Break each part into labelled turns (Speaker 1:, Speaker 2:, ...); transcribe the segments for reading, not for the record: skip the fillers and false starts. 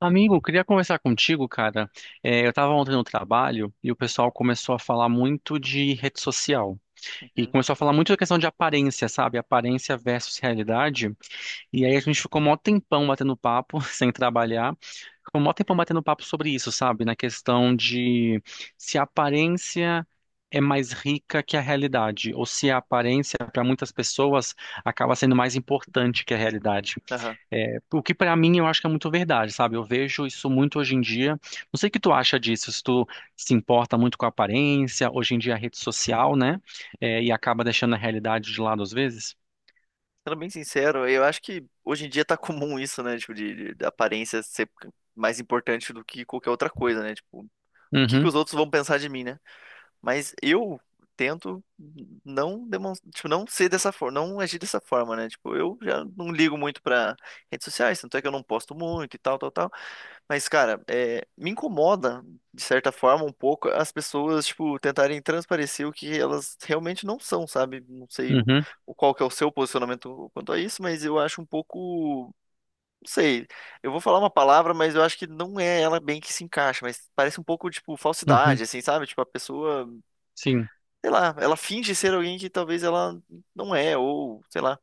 Speaker 1: Amigo, queria conversar contigo, cara. É, eu estava ontem no trabalho e o pessoal começou a falar muito de rede social. E
Speaker 2: Uhum.
Speaker 1: começou a falar muito da questão de aparência, sabe? Aparência versus realidade. E aí a gente ficou mó tempão batendo papo, sem trabalhar. Ficou mó tempão batendo papo sobre isso, sabe? Na questão de se a aparência é mais rica que a realidade, ou se a aparência, para muitas pessoas, acaba sendo mais importante que a realidade.
Speaker 2: Aham.
Speaker 1: É, o que pra mim eu acho que é muito verdade, sabe? Eu vejo isso muito hoje em dia. Não sei o que tu acha disso, se tu se importa muito com a aparência, hoje em dia a rede social, né? É, e acaba deixando a realidade de lado às vezes.
Speaker 2: Sendo bem sincero, eu acho que hoje em dia tá comum isso, né? Tipo, da aparência ser mais importante do que qualquer outra coisa, né? Tipo, o que que
Speaker 1: Uhum,
Speaker 2: os outros vão pensar de mim, né? Mas eu tento não demonstrar, tipo, não ser dessa forma, não agir dessa forma, né? Tipo, eu já não ligo muito pra redes sociais, tanto é que eu não posto muito e tal, tal, tal. Mas, cara, é, me incomoda, de certa forma, um pouco as pessoas, tipo, tentarem transparecer o que elas realmente não são, sabe? Não sei
Speaker 1: uhum,
Speaker 2: o qual que é o seu posicionamento quanto a isso, mas eu acho um pouco, não sei, eu vou falar uma palavra, mas eu acho que não é ela bem que se encaixa, mas parece um pouco, tipo,
Speaker 1: uhum.
Speaker 2: falsidade, assim, sabe? Tipo, a pessoa,
Speaker 1: Sim.
Speaker 2: sei lá, ela finge ser alguém que talvez ela não é, ou, sei lá,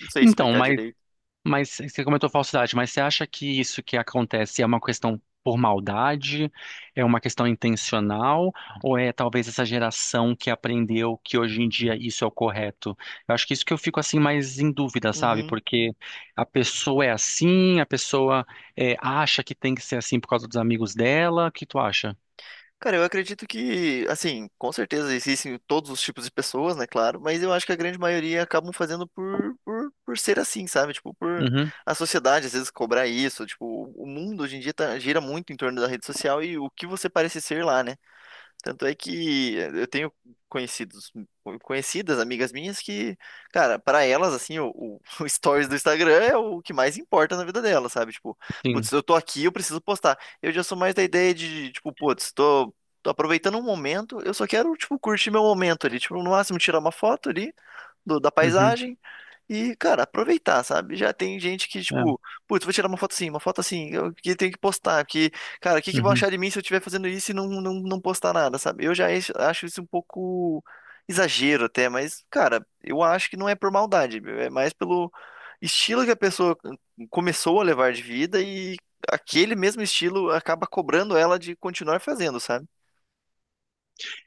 Speaker 2: não sei
Speaker 1: Então,
Speaker 2: explicar
Speaker 1: mas
Speaker 2: direito.
Speaker 1: Mas você comentou falsidade, mas você acha que isso que acontece é uma questão por maldade, é uma questão intencional, ou é talvez essa geração que aprendeu que hoje em dia isso é o correto? Eu acho que isso que eu fico assim mais em dúvida, sabe?
Speaker 2: Uhum.
Speaker 1: Porque a pessoa acha que tem que ser assim por causa dos amigos dela. O que tu acha?
Speaker 2: Cara, eu acredito que, assim, com certeza existem todos os tipos de pessoas, né, claro, mas eu acho que a grande maioria acabam fazendo por ser assim, sabe? Tipo, por
Speaker 1: Uhum,
Speaker 2: a sociedade às vezes cobrar isso, tipo, o mundo hoje em dia gira muito em torno da rede social e o que você parece ser lá, né? Tanto é que eu tenho conhecidos, conhecidas, amigas minhas que, cara, para elas, assim, o stories do Instagram é o que mais importa na vida delas, sabe? Tipo, putz,
Speaker 1: sim.
Speaker 2: eu tô aqui, eu preciso postar. Eu já sou mais da ideia de, tipo, putz, tô aproveitando um momento, eu só quero, tipo, curtir meu momento ali, tipo, no máximo tirar uma foto ali da
Speaker 1: Uhum,
Speaker 2: paisagem e, cara, aproveitar, sabe? Já tem gente que,
Speaker 1: é,
Speaker 2: tipo, putz, vou tirar uma foto assim, eu que tenho que postar, porque, cara, o que que vão
Speaker 1: uhum.
Speaker 2: achar de mim se eu estiver fazendo isso e não postar nada, sabe? Acho isso um pouco exagero até, mas, cara, eu acho que não é por maldade, meu, é mais pelo estilo que a pessoa começou a levar de vida e aquele mesmo estilo acaba cobrando ela de continuar fazendo, sabe?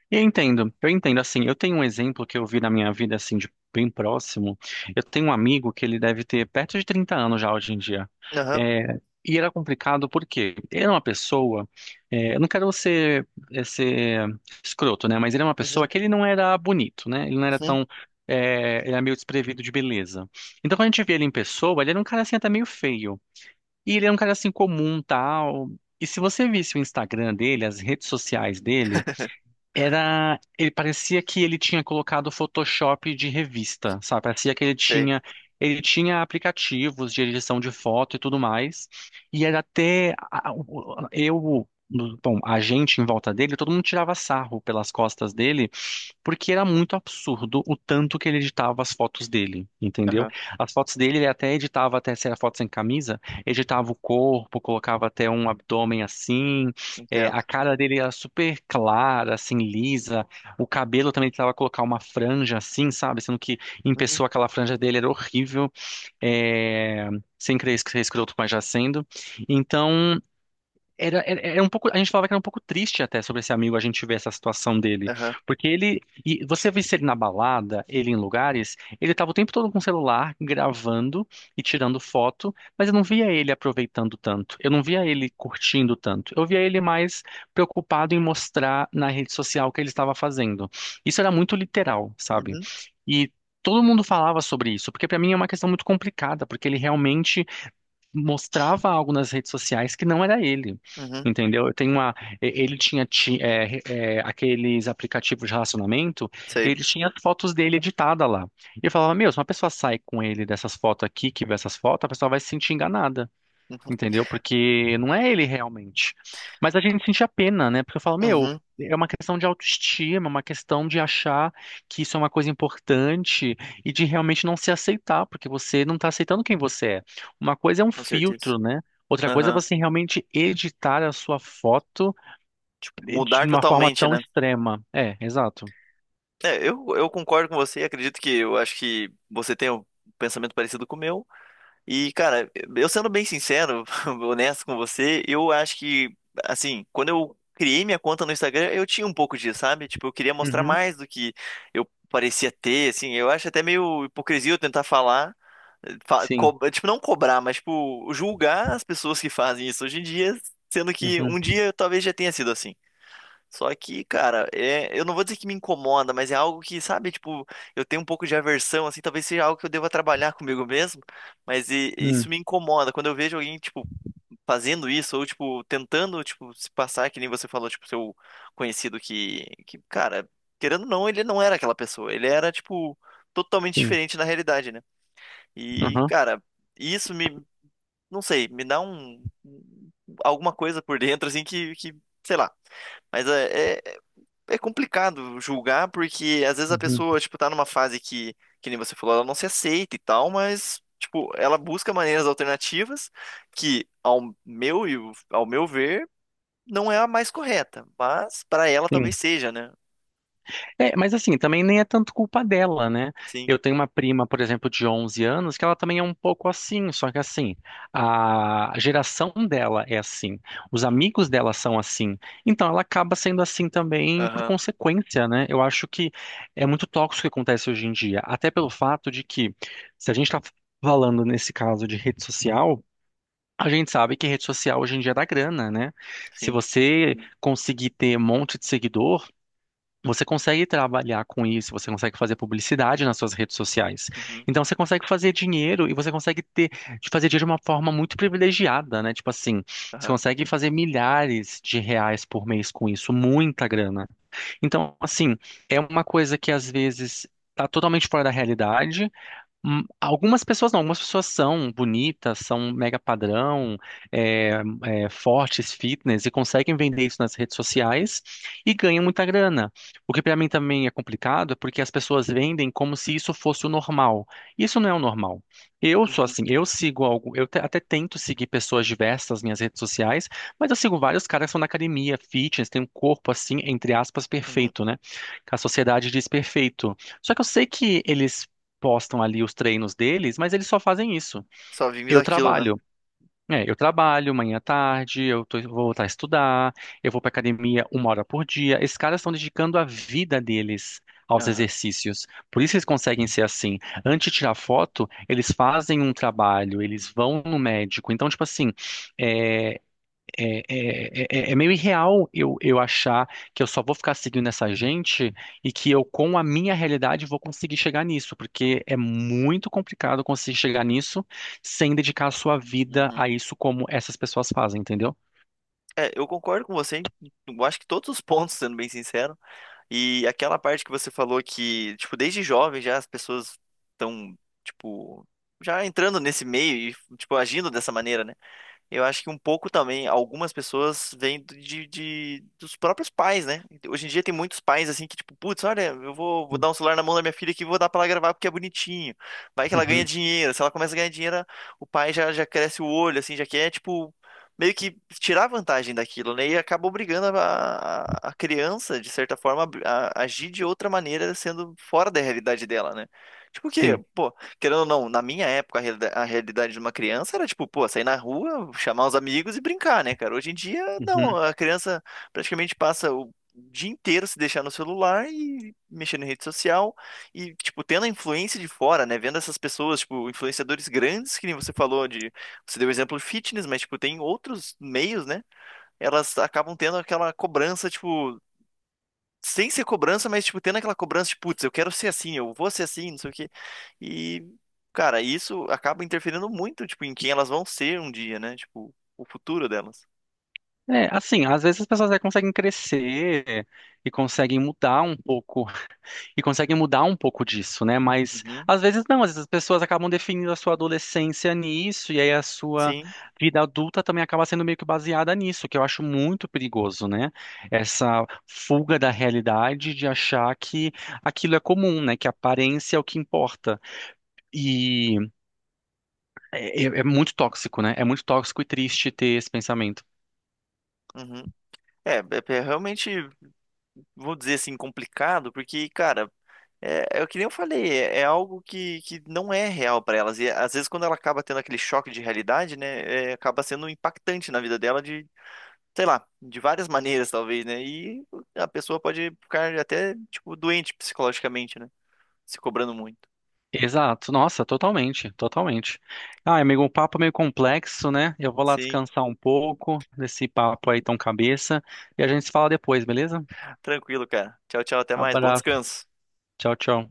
Speaker 1: Eu entendo, eu entendo. Assim, eu tenho um exemplo que eu vi na minha vida, assim, de bem próximo. Eu tenho um amigo que ele deve ter perto de 30 anos já hoje em dia.
Speaker 2: Aham,
Speaker 1: É, e era complicado porque ele era uma pessoa. Eu não quero ser, ser escroto, né? Mas ele é uma pessoa
Speaker 2: uhum,
Speaker 1: que ele não era bonito, né? Ele não era
Speaker 2: uhum,
Speaker 1: tão. Ele era meio desprevido de beleza. Então, quando a gente via ele em pessoa, ele era um cara assim, até meio feio. E ele era um cara assim comum, tal. E se você visse o Instagram dele, as redes sociais dele. Era, ele parecia que ele tinha colocado Photoshop de revista, sabe? Parecia que ele
Speaker 2: sei,
Speaker 1: tinha, ele tinha aplicativos de edição de foto e tudo mais. E era até a- o- eu, bom, a gente em volta dele, todo mundo tirava sarro pelas costas dele porque era muito absurdo o tanto que ele editava as fotos dele, entendeu?
Speaker 2: aham,
Speaker 1: As fotos dele, ele até editava, até se era foto sem camisa, editava o corpo, colocava até um abdômen assim, a
Speaker 2: entendo,
Speaker 1: cara dele era super clara, assim, lisa, o cabelo também ele tentava colocar uma franja assim, sabe? Sendo que em
Speaker 2: uhum,
Speaker 1: pessoa aquela franja dele era horrível, é, sem querer ser escroto, mas já sendo. Então. Era um pouco, a gente falava que era um pouco triste até sobre esse amigo, a gente ver essa situação dele.
Speaker 2: aham,
Speaker 1: Porque ele, e você visse ele na balada, ele em lugares, ele tava o tempo todo com o celular, gravando e tirando foto, mas eu não via ele aproveitando tanto, eu não via ele curtindo tanto, eu via ele mais preocupado em mostrar na rede social o que ele estava fazendo. Isso era muito literal, sabe?
Speaker 2: uhum,
Speaker 1: E todo mundo falava sobre isso, porque para mim é uma questão muito complicada, porque ele realmente mostrava algo nas redes sociais que não era ele,
Speaker 2: uhum,
Speaker 1: entendeu? Eu tenho uma, e- ele tinha ti- é, é, Aqueles aplicativos de relacionamento e
Speaker 2: sei.
Speaker 1: ele tinha as fotos dele editada lá. E eu falava, meu, se uma pessoa sai com ele dessas fotos aqui, que vê essas fotos, a pessoa vai se sentir enganada,
Speaker 2: Uhum.
Speaker 1: entendeu? Porque não é ele realmente. Mas a gente sente a pena, né? Porque eu falo, meu,
Speaker 2: Uhum,
Speaker 1: é uma questão de autoestima, é uma questão de achar que isso é uma coisa importante e de realmente não se aceitar, porque você não está aceitando quem você é. Uma coisa é um
Speaker 2: com certeza.
Speaker 1: filtro, né? Outra coisa é
Speaker 2: Aham,
Speaker 1: você realmente editar a sua foto
Speaker 2: tipo,
Speaker 1: de
Speaker 2: mudar
Speaker 1: uma forma
Speaker 2: totalmente,
Speaker 1: tão
Speaker 2: né?
Speaker 1: extrema. É, exato.
Speaker 2: É, eu concordo com você e acredito que eu acho que você tem um pensamento parecido com o meu. E, cara, eu sendo bem sincero, honesto com você, eu acho que, assim, quando eu criei minha conta no Instagram, eu tinha um pouco disso, sabe? Tipo, eu queria mostrar
Speaker 1: Uhum,
Speaker 2: mais do que eu parecia ter, assim. Eu acho até meio hipocrisia eu tentar falar,
Speaker 1: sim.
Speaker 2: tipo, não cobrar, mas, tipo, julgar as pessoas que fazem isso hoje em dia, sendo que
Speaker 1: Uhum,
Speaker 2: um dia talvez já tenha sido assim. Só que, cara, é, eu não vou dizer que me incomoda, mas é algo que, sabe, tipo, eu tenho um pouco de aversão, assim, talvez seja algo que eu deva trabalhar comigo mesmo, mas isso
Speaker 1: hum,
Speaker 2: me incomoda. Quando eu vejo alguém, tipo, fazendo isso, ou, tipo, tentando, tipo, se passar, que nem você falou, tipo, seu conhecido cara, querendo ou não, ele não era aquela pessoa, ele era, tipo, totalmente
Speaker 1: sim.
Speaker 2: diferente na realidade, né? E,
Speaker 1: Uhum,
Speaker 2: cara, isso me, não sei, me dá um, alguma coisa por dentro, assim, sei lá. Mas é complicado julgar, porque às vezes a
Speaker 1: uhum,
Speaker 2: pessoa, tipo, tá numa fase que nem você falou, ela não se aceita e tal, mas, tipo, ela busca maneiras alternativas que, e ao meu ver, não é a mais correta, mas para ela talvez
Speaker 1: sim.
Speaker 2: seja, né?
Speaker 1: É, mas assim, também nem é tanto culpa dela, né?
Speaker 2: Sim,
Speaker 1: Eu tenho uma prima, por exemplo, de 11 anos, que ela também é um pouco assim, só que assim, a geração dela é assim, os amigos dela são assim, então ela acaba sendo assim também por
Speaker 2: aham,
Speaker 1: consequência, né? Eu acho que é muito tóxico o que acontece hoje em dia, até pelo fato de que, se a gente está falando nesse caso de rede social, a gente sabe que rede social hoje em dia dá grana, né? Se
Speaker 2: sim,
Speaker 1: você conseguir ter um monte de seguidor, você consegue trabalhar com isso, você consegue fazer publicidade nas suas redes sociais.
Speaker 2: uhum,
Speaker 1: Então você consegue fazer dinheiro e você consegue ter, de fazer dinheiro de uma forma muito privilegiada, né? Tipo assim, você
Speaker 2: aham,
Speaker 1: consegue fazer milhares de reais por mês com isso, muita grana. Então, assim, é uma coisa que às vezes tá totalmente fora da realidade. Algumas pessoas não, algumas pessoas são bonitas, são mega padrão, é, fortes, fitness, e conseguem vender isso nas redes sociais e ganham muita grana. O que para mim também é complicado é porque as pessoas vendem como se isso fosse o normal. Isso não é o normal. Eu sou
Speaker 2: uhum,
Speaker 1: assim, eu sigo algo, até tento seguir pessoas diversas nas minhas redes sociais, mas eu sigo vários caras que são da academia, fitness, tem um corpo assim, entre aspas,
Speaker 2: uhum.
Speaker 1: perfeito, né? Que a sociedade diz perfeito. Só que eu sei que eles postam ali os treinos deles, mas eles só fazem isso.
Speaker 2: Só vimos
Speaker 1: Eu
Speaker 2: daquilo, né?
Speaker 1: trabalho. É, eu trabalho manhã à tarde, vou voltar a estudar, eu vou pra academia 1 hora por dia. Esses caras estão dedicando a vida deles aos
Speaker 2: Aham,
Speaker 1: exercícios. Por isso eles conseguem ser assim. Antes de tirar foto, eles fazem um trabalho, eles vão no médico. Então, tipo assim, eh, é meio irreal eu achar que eu só vou ficar seguindo essa gente e que eu, com a minha realidade, vou conseguir chegar nisso, porque é muito complicado conseguir chegar nisso sem dedicar a sua vida
Speaker 2: uhum.
Speaker 1: a isso como essas pessoas fazem, entendeu?
Speaker 2: É, eu concordo com você, eu acho que todos os pontos, sendo bem sincero, e aquela parte que você falou que, tipo, desde jovem já as pessoas estão, tipo, já entrando nesse meio e, tipo, agindo dessa maneira, né? Eu acho que um pouco também, algumas pessoas vêm dos próprios pais, né? Hoje em dia tem muitos pais assim que, tipo, putz, olha, vou dar um celular na mão da minha filha aqui e vou dar pra ela gravar porque é bonitinho. Vai que ela ganha
Speaker 1: Uhum,
Speaker 2: dinheiro. Se ela começa a ganhar dinheiro, o pai já cresce o olho, assim, já quer, tipo, meio que tirar vantagem daquilo, né? E acaba obrigando a criança, de certa forma, a agir de outra maneira, sendo fora da realidade dela, né? Tipo o quê?
Speaker 1: sim.
Speaker 2: Pô. Querendo ou não, na minha época, a realidade de uma criança era tipo, pô, sair na rua, chamar os amigos e brincar, né, cara? Hoje em dia, não,
Speaker 1: Uhum.
Speaker 2: a criança praticamente passa o dia inteiro se deixar no celular e mexendo em rede social e, tipo, tendo a influência de fora, né? Vendo essas pessoas, tipo, influenciadores grandes, que nem você falou de. Você deu o exemplo de fitness, mas, tipo, tem outros meios, né? Elas acabam tendo aquela cobrança, tipo sem ser cobrança, mas, tipo, tendo aquela cobrança de, putz, eu quero ser assim, eu vou ser assim, não sei o quê. E, cara, isso acaba interferindo muito, tipo, em quem elas vão ser um dia, né? Tipo, o futuro delas.
Speaker 1: É, assim, às vezes as pessoas até conseguem crescer e conseguem mudar um pouco e conseguem mudar um pouco disso, né? Mas
Speaker 2: Uhum,
Speaker 1: às vezes não, às vezes as pessoas acabam definindo a sua adolescência nisso, e aí a sua
Speaker 2: sim.
Speaker 1: vida adulta também acaba sendo meio que baseada nisso, que eu acho muito perigoso, né? Essa fuga da realidade de achar que aquilo é comum, né? Que a aparência é o que importa. E é muito tóxico, né? É muito tóxico e triste ter esse pensamento.
Speaker 2: Uhum. É realmente, vou dizer assim, complicado, porque, cara, é o que nem eu falei, é algo que não é real pra elas. E às vezes, quando ela acaba tendo aquele choque de realidade, né, é, acaba sendo impactante na vida dela sei lá, de várias maneiras, talvez, né? E a pessoa pode ficar até, tipo, doente psicologicamente, né? Se cobrando muito.
Speaker 1: Exato, nossa, totalmente, totalmente. Ah, amigo, um papo é meio complexo, né? Eu vou lá
Speaker 2: Sim,
Speaker 1: descansar um pouco desse papo aí tão cabeça e a gente se fala depois, beleza?
Speaker 2: tranquilo, cara. Tchau, tchau, até mais. Bom
Speaker 1: Abraço,
Speaker 2: descanso.
Speaker 1: tchau, tchau.